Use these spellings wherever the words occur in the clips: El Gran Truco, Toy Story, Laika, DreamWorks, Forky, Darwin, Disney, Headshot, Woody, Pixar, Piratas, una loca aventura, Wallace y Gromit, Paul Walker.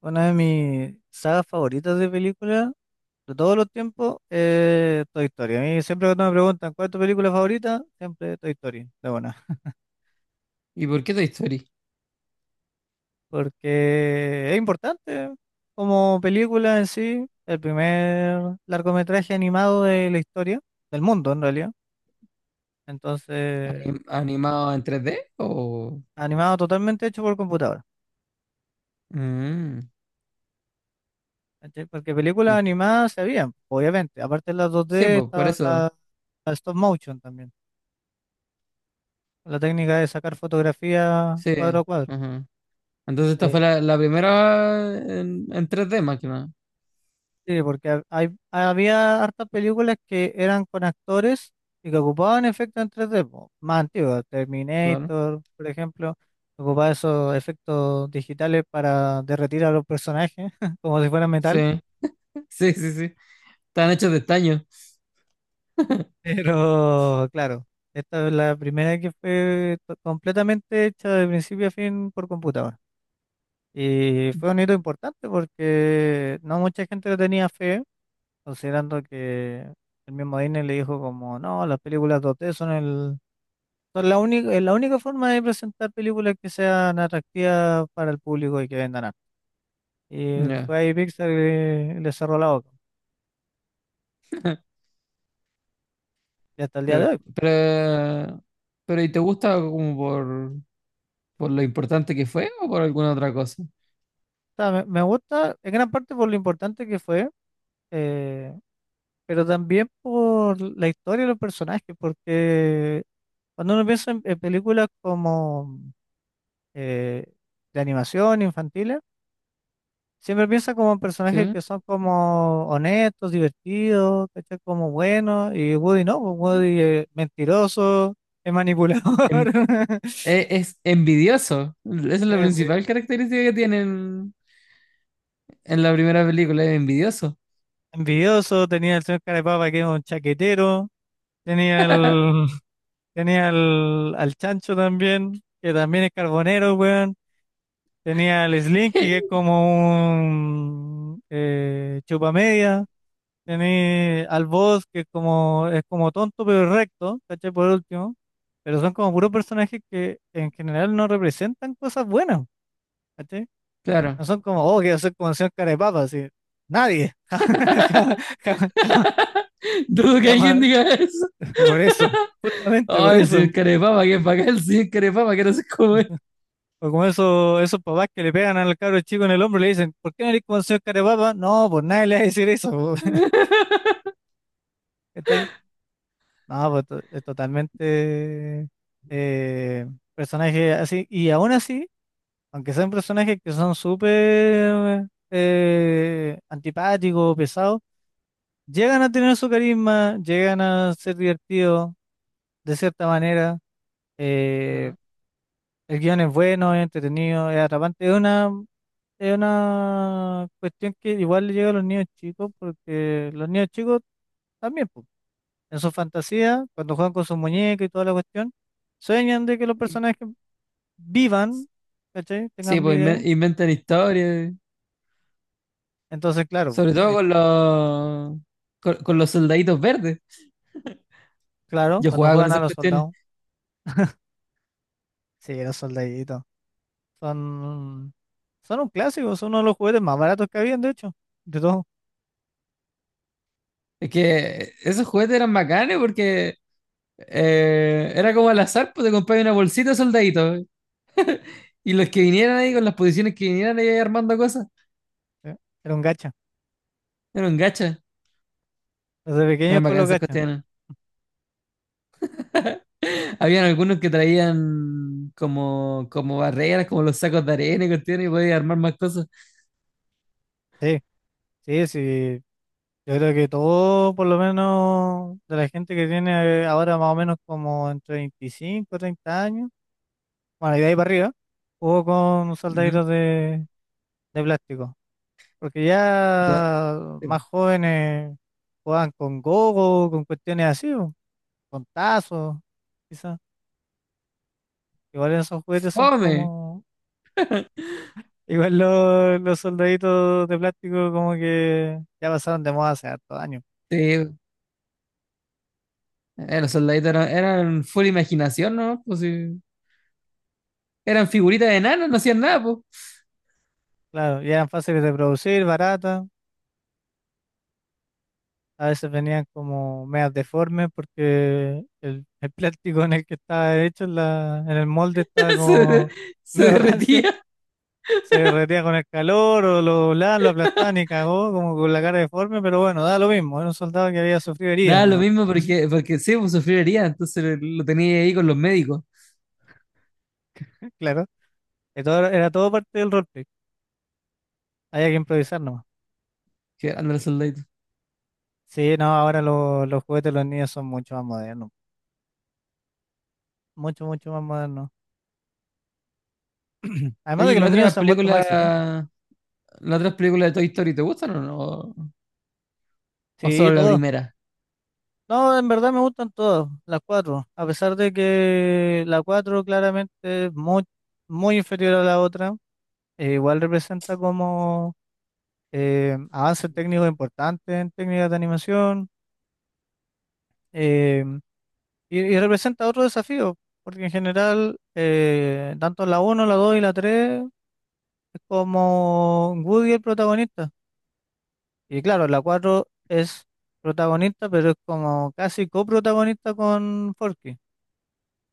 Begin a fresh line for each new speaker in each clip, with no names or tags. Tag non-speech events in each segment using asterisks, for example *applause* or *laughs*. Una de mis sagas favoritas de películas de todos los tiempos es Toy Story. A mí siempre cuando me preguntan cuál es tu película favorita, siempre Toy Story, de buena.
¿Y por qué Toy Story?
Porque es importante como película en sí, el primer largometraje animado de la historia, del mundo en realidad. Entonces,
¿Animado en tres d o...?
animado totalmente hecho por computadora.
Mm,
¿Cachai? Porque películas
y-
animadas se habían, obviamente. Aparte de las
sí,
2D,
pues por
estaba
eso.
la stop motion también. La técnica de sacar fotografía
Sí,
cuadro a cuadro.
ajá. Entonces esta fue
Eh,
la primera en 3D más que nada.
sí, porque hay, había hartas películas que eran con actores y que ocupaban efectos en tres d po, más antiguos,
Claro.
Terminator, por ejemplo, ocupaba esos efectos digitales para derretir a los personajes *laughs* como si fueran
Sí.
metal,
*laughs* Sí, sí, sí. Están hechos de estaño.
pero claro, esta es la primera que fue completamente hecha de principio a fin por computadora. Y fue un hito importante porque no mucha gente le tenía fe considerando que el mismo Disney le dijo como, no, las películas 2D son la única, es la única forma de presentar películas que sean atractivas para el público y que vendan arte. Y
Ya.
fue ahí Pixar y le cerró la boca.
*laughs*
Y hasta el día de
Pero,
hoy. O
pero, pero, ¿y te gusta como por lo importante que fue o por alguna otra cosa?
sea, me gusta en gran parte por lo importante que fue, eh, pero también por la historia de los personajes, porque cuando uno piensa en películas como eh, de animación infantiles, siempre piensa como en
¿Sí?
personajes que son como honestos, divertidos, ¿cachai? Como buenos, y Woody no, pues Woody es mentiroso, es manipulador.
En-
*laughs*
es envidioso. Esa es la
es envi-
principal característica que tienen en la primera película, es envidioso.
Envidioso, tenía el señor Carapapa que es un chaquetero, tenía el, *laughs* tenía al Chancho también, que también es carbonero, weón, tenía al Slinky que
*laughs*
es como un chupamedia. Tenéis al boss que es como tonto pero recto, ¿cachai? Por último. Pero son como puros personajes que en general no representan cosas buenas, ¿cachai?
Claro.
No son como, oh, quiero ser como el señor cara de papa, así. Nadie. *laughs* Jamás, jamás, jamás,
*laughs* Dudo que alguien
jamás.
diga eso.
Por eso, justamente por
Ay, el
eso.
señor Carepapa, que es bacán el señor Carepapa, que no se come.
O como esos, esos papás que le pegan al cabro chico en el hombro y le dicen, ¿por qué no eres como el señor cara de papa? No, pues nadie le va a decir eso. Po. *laughs*
*laughs*
¿Cachai? No, pues es totalmente eh, personaje así. Y aún así, aunque sean personajes que son súper antipáticos, pesados, llegan a tener su carisma, llegan a ser divertidos de cierta manera. eh,
Claro.
el guión es bueno, es entretenido, es atrapante. Es una cuestión que igual le llega a los niños chicos, porque los niños chicos también. Pues, en su fantasía, cuando juegan con sus muñecas y toda la cuestión, sueñan de que los
In-
personajes vivan, ¿cachai?
Sí,
Tengan
pues
vida.
inventan historias.
Entonces, claro,
Sobre todo con los soldaditos verdes.
claro,
Yo
cuando
jugaba con
juegan a
esas
los
cuestiones.
soldados, sí, los soldaditos, son, son un clásico, son uno de los juguetes más baratos que habían, de hecho, de todo.
Es que esos juguetes eran bacanes porque era como al azar, pues te comprabas una bolsita de soldaditos. Y los que vinieran ahí con las posiciones que vinieran ahí armando cosas,
¿Sí? Era un gacha,
eran gachas.
desde pequeños
Eran
con los
bacanas esas
gachas.
cuestiones. Habían algunos que traían como, como barreras, como los sacos de arena y cuestiones, y podías armar más cosas.
Sí, sí, sí. Yo creo que todo, por lo menos, de la gente que tiene ahora más o menos como entre 25 30 años, bueno, y de ahí para arriba, jugó con
Ujú.
soldaditos de plástico. Porque
Lo-
ya más
eh,
jóvenes jugaban con gogo, con cuestiones así, po, con tazos, quizás. Igual esos juguetes son
¡Fome!
como. Igual los soldaditos de plástico, como que ya pasaron de moda hace hartos años.
Sí, los soldaditos eran, eran full imaginación, ¿no? Pues, sí. Eran figuritas de enanos, no hacían nada, pues.
Claro, y eran fáciles de producir, baratas. A veces venían como medias deformes porque el plástico en el que estaba hecho, en el molde estaba
*laughs* Se,
como *laughs*
se
medio rancio.
derretía.
Se derretía con el calor o lo doblaban, lo aplastaban y cagó como con la cara deforme, pero bueno, da lo mismo. Era un soldado que había sufrido heridas,
Daba lo
¿no?
mismo
*laughs*
porque, porque sí, pues sufriría, entonces lo tenía ahí con los médicos,
Claro. Que todo era todo parte del roleplay. Había que improvisar nomás.
que eran los soldaditos.
Sí, no, ahora los juguetes de los niños son mucho más modernos. Mucho, mucho más modernos. Además
Oye,
de
¿y
que los niños se han vuelto más exigentes.
la otra película de Toy Story, ¿te gustan o no? ¿O
Sí,
solo la
todo.
primera?
No, en verdad me gustan todas, las cuatro, a pesar de que la cuatro claramente es muy, muy inferior a la otra, igual representa como avances técnicos importantes en técnicas de animación, eh, y representa otro desafío, porque en general tanto la uno, la dos y la tres es como Woody el protagonista. Y claro, la cuatro es protagonista, pero es como casi coprotagonista con Forky.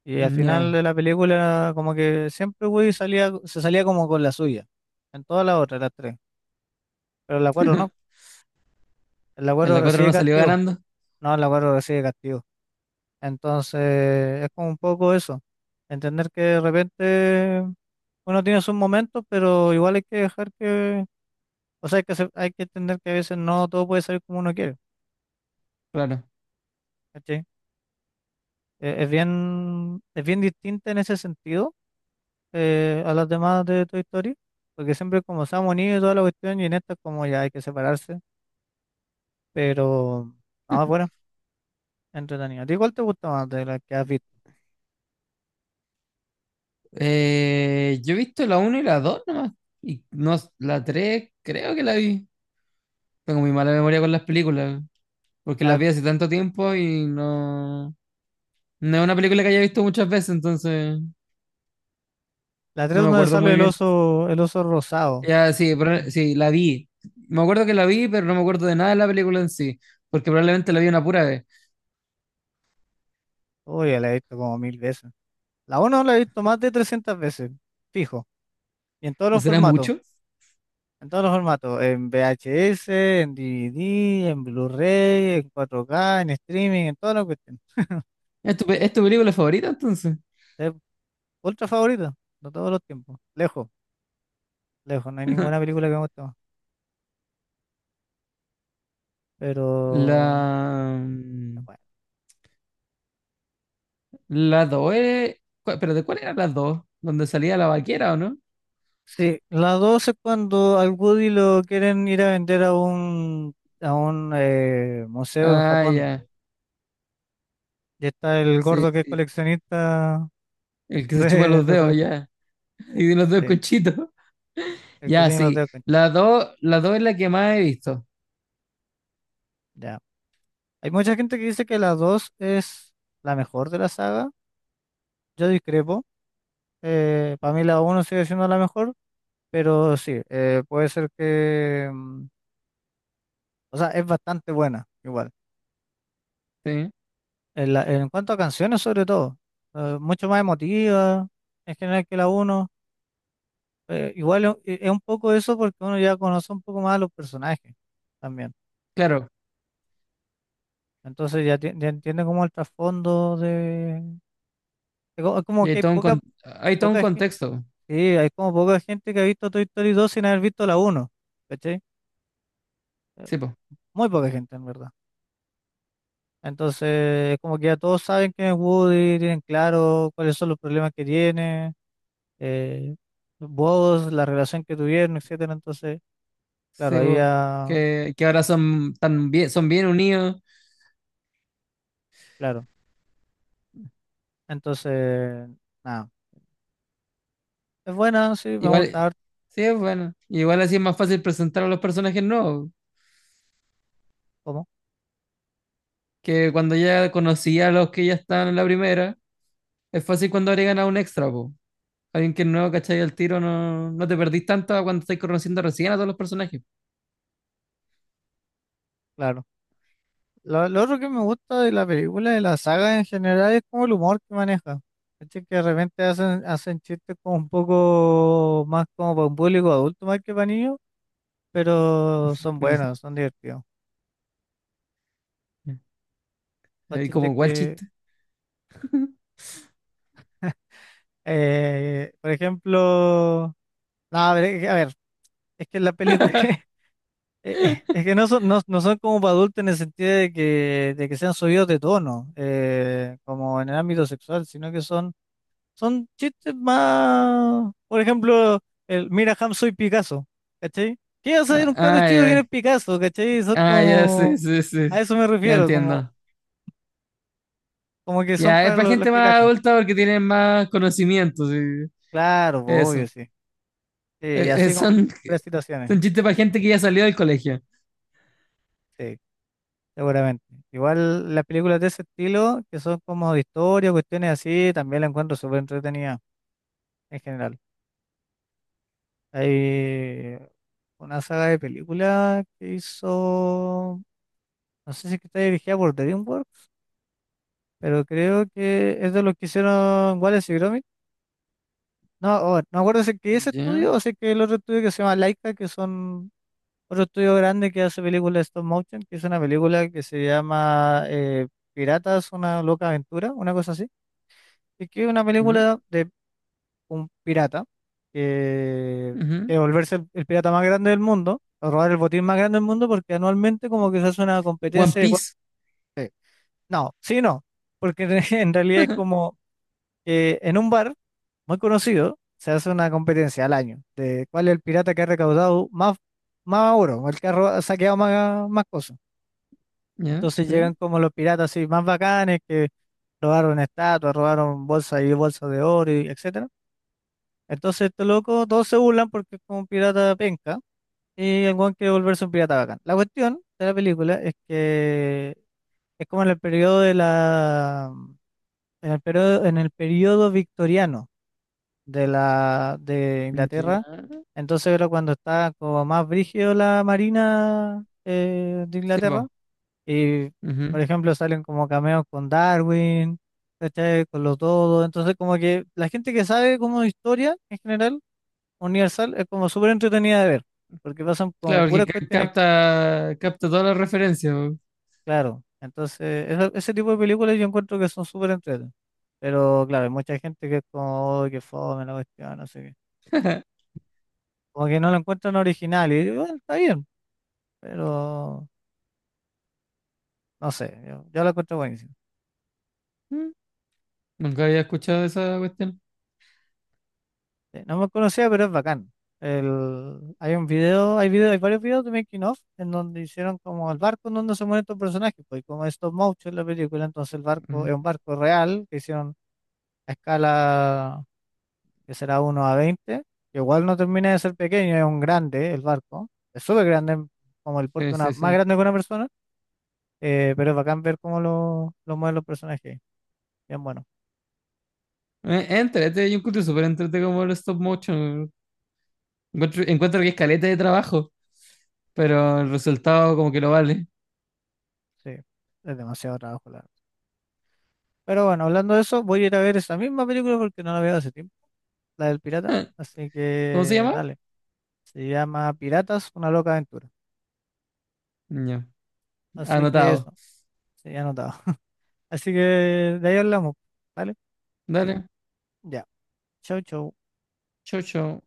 Y al final
Ya.
de la película, como que siempre Woody salía, se salía como con la suya. En todas las otras, las tres. Pero en la cuatro no. En la
En
cuatro
la cuatro
recibe
no salió
castigo.
ganando.
No, en la cuatro recibe castigo. Entonces, es como un poco eso. Entender que de repente uno tiene sus momentos, pero igual hay que dejar que. O sea, hay que, hay que entender que a veces no todo puede salir como uno quiere.
Claro.
¿Cachai? Es bien distinta en ese sentido, a las demás de Toy Story, porque siempre es como se han unido y toda la cuestión, y en esta es como ya hay que separarse, pero nada, bueno, entretenido. ¿A ti cuál te gusta más de las que has visto?
Yo he visto la uno y la 2 nomás. Y no, la tres, creo que la vi. Tengo muy mala memoria con las películas, porque las
La,
vi hace tanto tiempo y no... No es una película que haya visto muchas veces, entonces
la 3
no me
donde
acuerdo
sale
muy bien.
el oso rosado.
Ya, sí,
Ujú.
sí, la vi. Me acuerdo que la vi, pero no me acuerdo de nada de la película en sí, porque probablemente la vi una pura vez.
Uy, ya la he visto como mil veces. La uno la he visto más de 300 veces, fijo, y en todos
¿No
los
será
formatos.
mucho?
En todos los formatos, en VHS, en DVD, en Blu-ray, en 4K, en streaming, en todas las cuestiones.
¿Es tu, es tu película favorita entonces?
Es ultra favorita de todos los tiempos, lejos. Lejos, no hay ninguna
*laughs*
película que me guste más, pero
La...
es
mm,
buena.
La 2 es... ¿Pero de cuál era la 2? ¿Donde salía la vaquera o no?
Sí, la dos es cuando al Woody lo quieren ir a vender a un museo en
Ah,
Japón.
ya.
Y está el
Sí,
gordo que es
sí.
coleccionista
El
*laughs*
que se chupa los
de
dedos,
juguetes.
ya. *laughs* Y tiene los dedos
Sí,
conchitos.
el que
Ya,
tiene los
sí.
dedos.
La dos es la que más he visto.
Ya. Hay mucha gente que dice que la 2 es la mejor de la saga. Yo discrepo. Para mí la uno sigue siendo la mejor. Pero sí, puede ser que... mm, o sea, es bastante buena, igual.
Sí.
En cuanto a canciones, sobre todo, mucho más emotiva en general que la uno. Igual es un poco eso porque uno ya conoce un poco más a los personajes también.
Claro.
Entonces ya, ya entiende como el trasfondo de... Es es como
Y
que
hay
hay
todo un,
poca,
hay todo un
poca, gen-
contexto.
sí, hay como poca gente que ha visto Toy Story 2 sin haber visto la uno. ¿Cachai? Eh,
Sí, po.
Muy poca gente, en verdad. Entonces, como que ya todos saben quién es Woody, tienen claro cuáles son los problemas que tiene. eh, Vos, la relación que tuvieron, etcétera. Entonces, claro,
Sí,
ahí
po.
ya,
Que ahora son tan bien, son bien unidos.
claro. Entonces, nada. Es buena, sí, me
Igual,
gusta harto,
sí, es bueno. Igual así es más fácil presentar a los personajes nuevos.
como,
Que cuando ya conocía a los que ya están en la primera, es fácil cuando agregan a un extra, po. Alguien que es nuevo, ¿cachai? Al tiro no, no te perdís tanto a cuando estás conociendo recién a todos los personajes.
claro. Lo otro que me gusta de la película, de la saga en general, es como el humor que maneja. ¿Cachai? Que de repente hacen, hacen chistes como un poco más como para un público adulto más que para niños, pero son
Ujú.
buenos, son divertidos. Los
Ahí
chistes
como cuál
que,
chiste.
por ejemplo, no, a ver, es que en la película *laughs* es que no son, no, no son como para adultos en el sentido de que sean subidos de tono, como en el ámbito sexual, sino que son, son chistes más, por ejemplo, el mira Ham soy Picasso, ¿cachai? ¿Qué vas a ver
Ah,
un cabro
ah,
chico que no es
ya,
Picasso, ¿cachai? Son
ah, ya, sí,
como,
sí,
a
sí.
eso me
Ya
refiero, como,
entiendo.
como que son
Ya, es
para
para
los
gente
que
más
cachan.
adulta porque tienen más conocimiento, sí.
Claro, pues, obvio,
Eso.
sí. Sí, y así con
Son,
las situaciones,
son chistes para gente que ya salió del colegio.
sí. Seguramente. Igual las películas de ese estilo, que son como de historia, cuestiones así, también la encuentro súper entretenida en general. Hay una saga de películas que hizo, no sé si es que está dirigida por DreamWorks, pero creo que es de los que hicieron Wallace y Gromit. No, oh, no me acuerdo si es que ese
Ya,
estudio o si es que el otro estudio que se llama Laika, que son otro estudio grande que hace películas de stop motion, que es una película que se llama Piratas, una loca aventura, una cosa así. Es que es una
ya,
película de un pirata que
ujú.
que volverse el pirata más grande del mundo, o robar el botín más grande del mundo, porque anualmente como que se hace una
One
competencia de...
Piece.
No, sí, no, porque *laughs* en realidad es como que en un bar muy conocido se hace una competencia al año de cuál es el pirata que ha recaudado más, más oro, o el que ha saqueado más, más cosas.
Ya,
Entonces
sí.
llegan como los piratas así más bacanes que robaron estatuas, robaron bolsas y bolsas de oro, y etc. Entonces este loco, todos se burlan porque es como un pirata penca y el weón quiere volverse un pirata bacán. La cuestión de la película es que es como en el periodo de la en el periodo victoriano de la de
Ya,
Inglaterra. Entonces era cuando estaba como más brígido la marina de
sí,
Inglaterra.
po.
Y
Ujú.
por ejemplo salen como cameos con Darwin, ¿cachai? Con los todos. Entonces como que la gente que sabe como de historia en general Universal es como súper entretenida de ver, porque pasan
Claro,
como
porque
puras cuestiones,
capta, capta todas las referencias, po.
claro. Entonces, ese tipo de películas yo encuentro que son súper entretenidas. Pero claro, hay mucha gente que es como, "Uy, qué fome la cuestión, no sé qué".
*laughs*
Como que no la encuentran original, y yo, "Bueno, está bien, pero no sé, yo la encuentro buenísima".
Mm, Nunca había escuchado esa cuestión.
Sí, no me conocía, pero es bacán. El, hay un video, hay varios videos de Making of en donde hicieron como el barco en donde se mueren estos personajes, pues y como es stop motion la película, entonces el barco es un
Mm.
barco real que hicieron a escala que será 1 a 20, que igual no termina de ser pequeño, es un grande el barco, es súper grande, como el porte
Sí,
de una,
sí,
más
sí.
grande que una persona, pero es bacán ver cómo lo mueven los personajes. Bien bueno,
Entrete, yo encuentro súper entrete como el stop motion. Encuentro, encuentro que es caleta de trabajo, pero el resultado como que lo vale.
sí, es demasiado trabajo, la verdad. Pero bueno, hablando de eso, voy a ir a ver esa misma película porque no la veo hace tiempo, la del pirata, así
¿Cómo se
que
llama?
dale, se llama Piratas, una loca aventura,
Ya.
así que
Anotado.
eso, sí, anotado. Así que de ahí hablamos, ¿vale?
Dale.
Ya, chau, chau.
Chau, chau.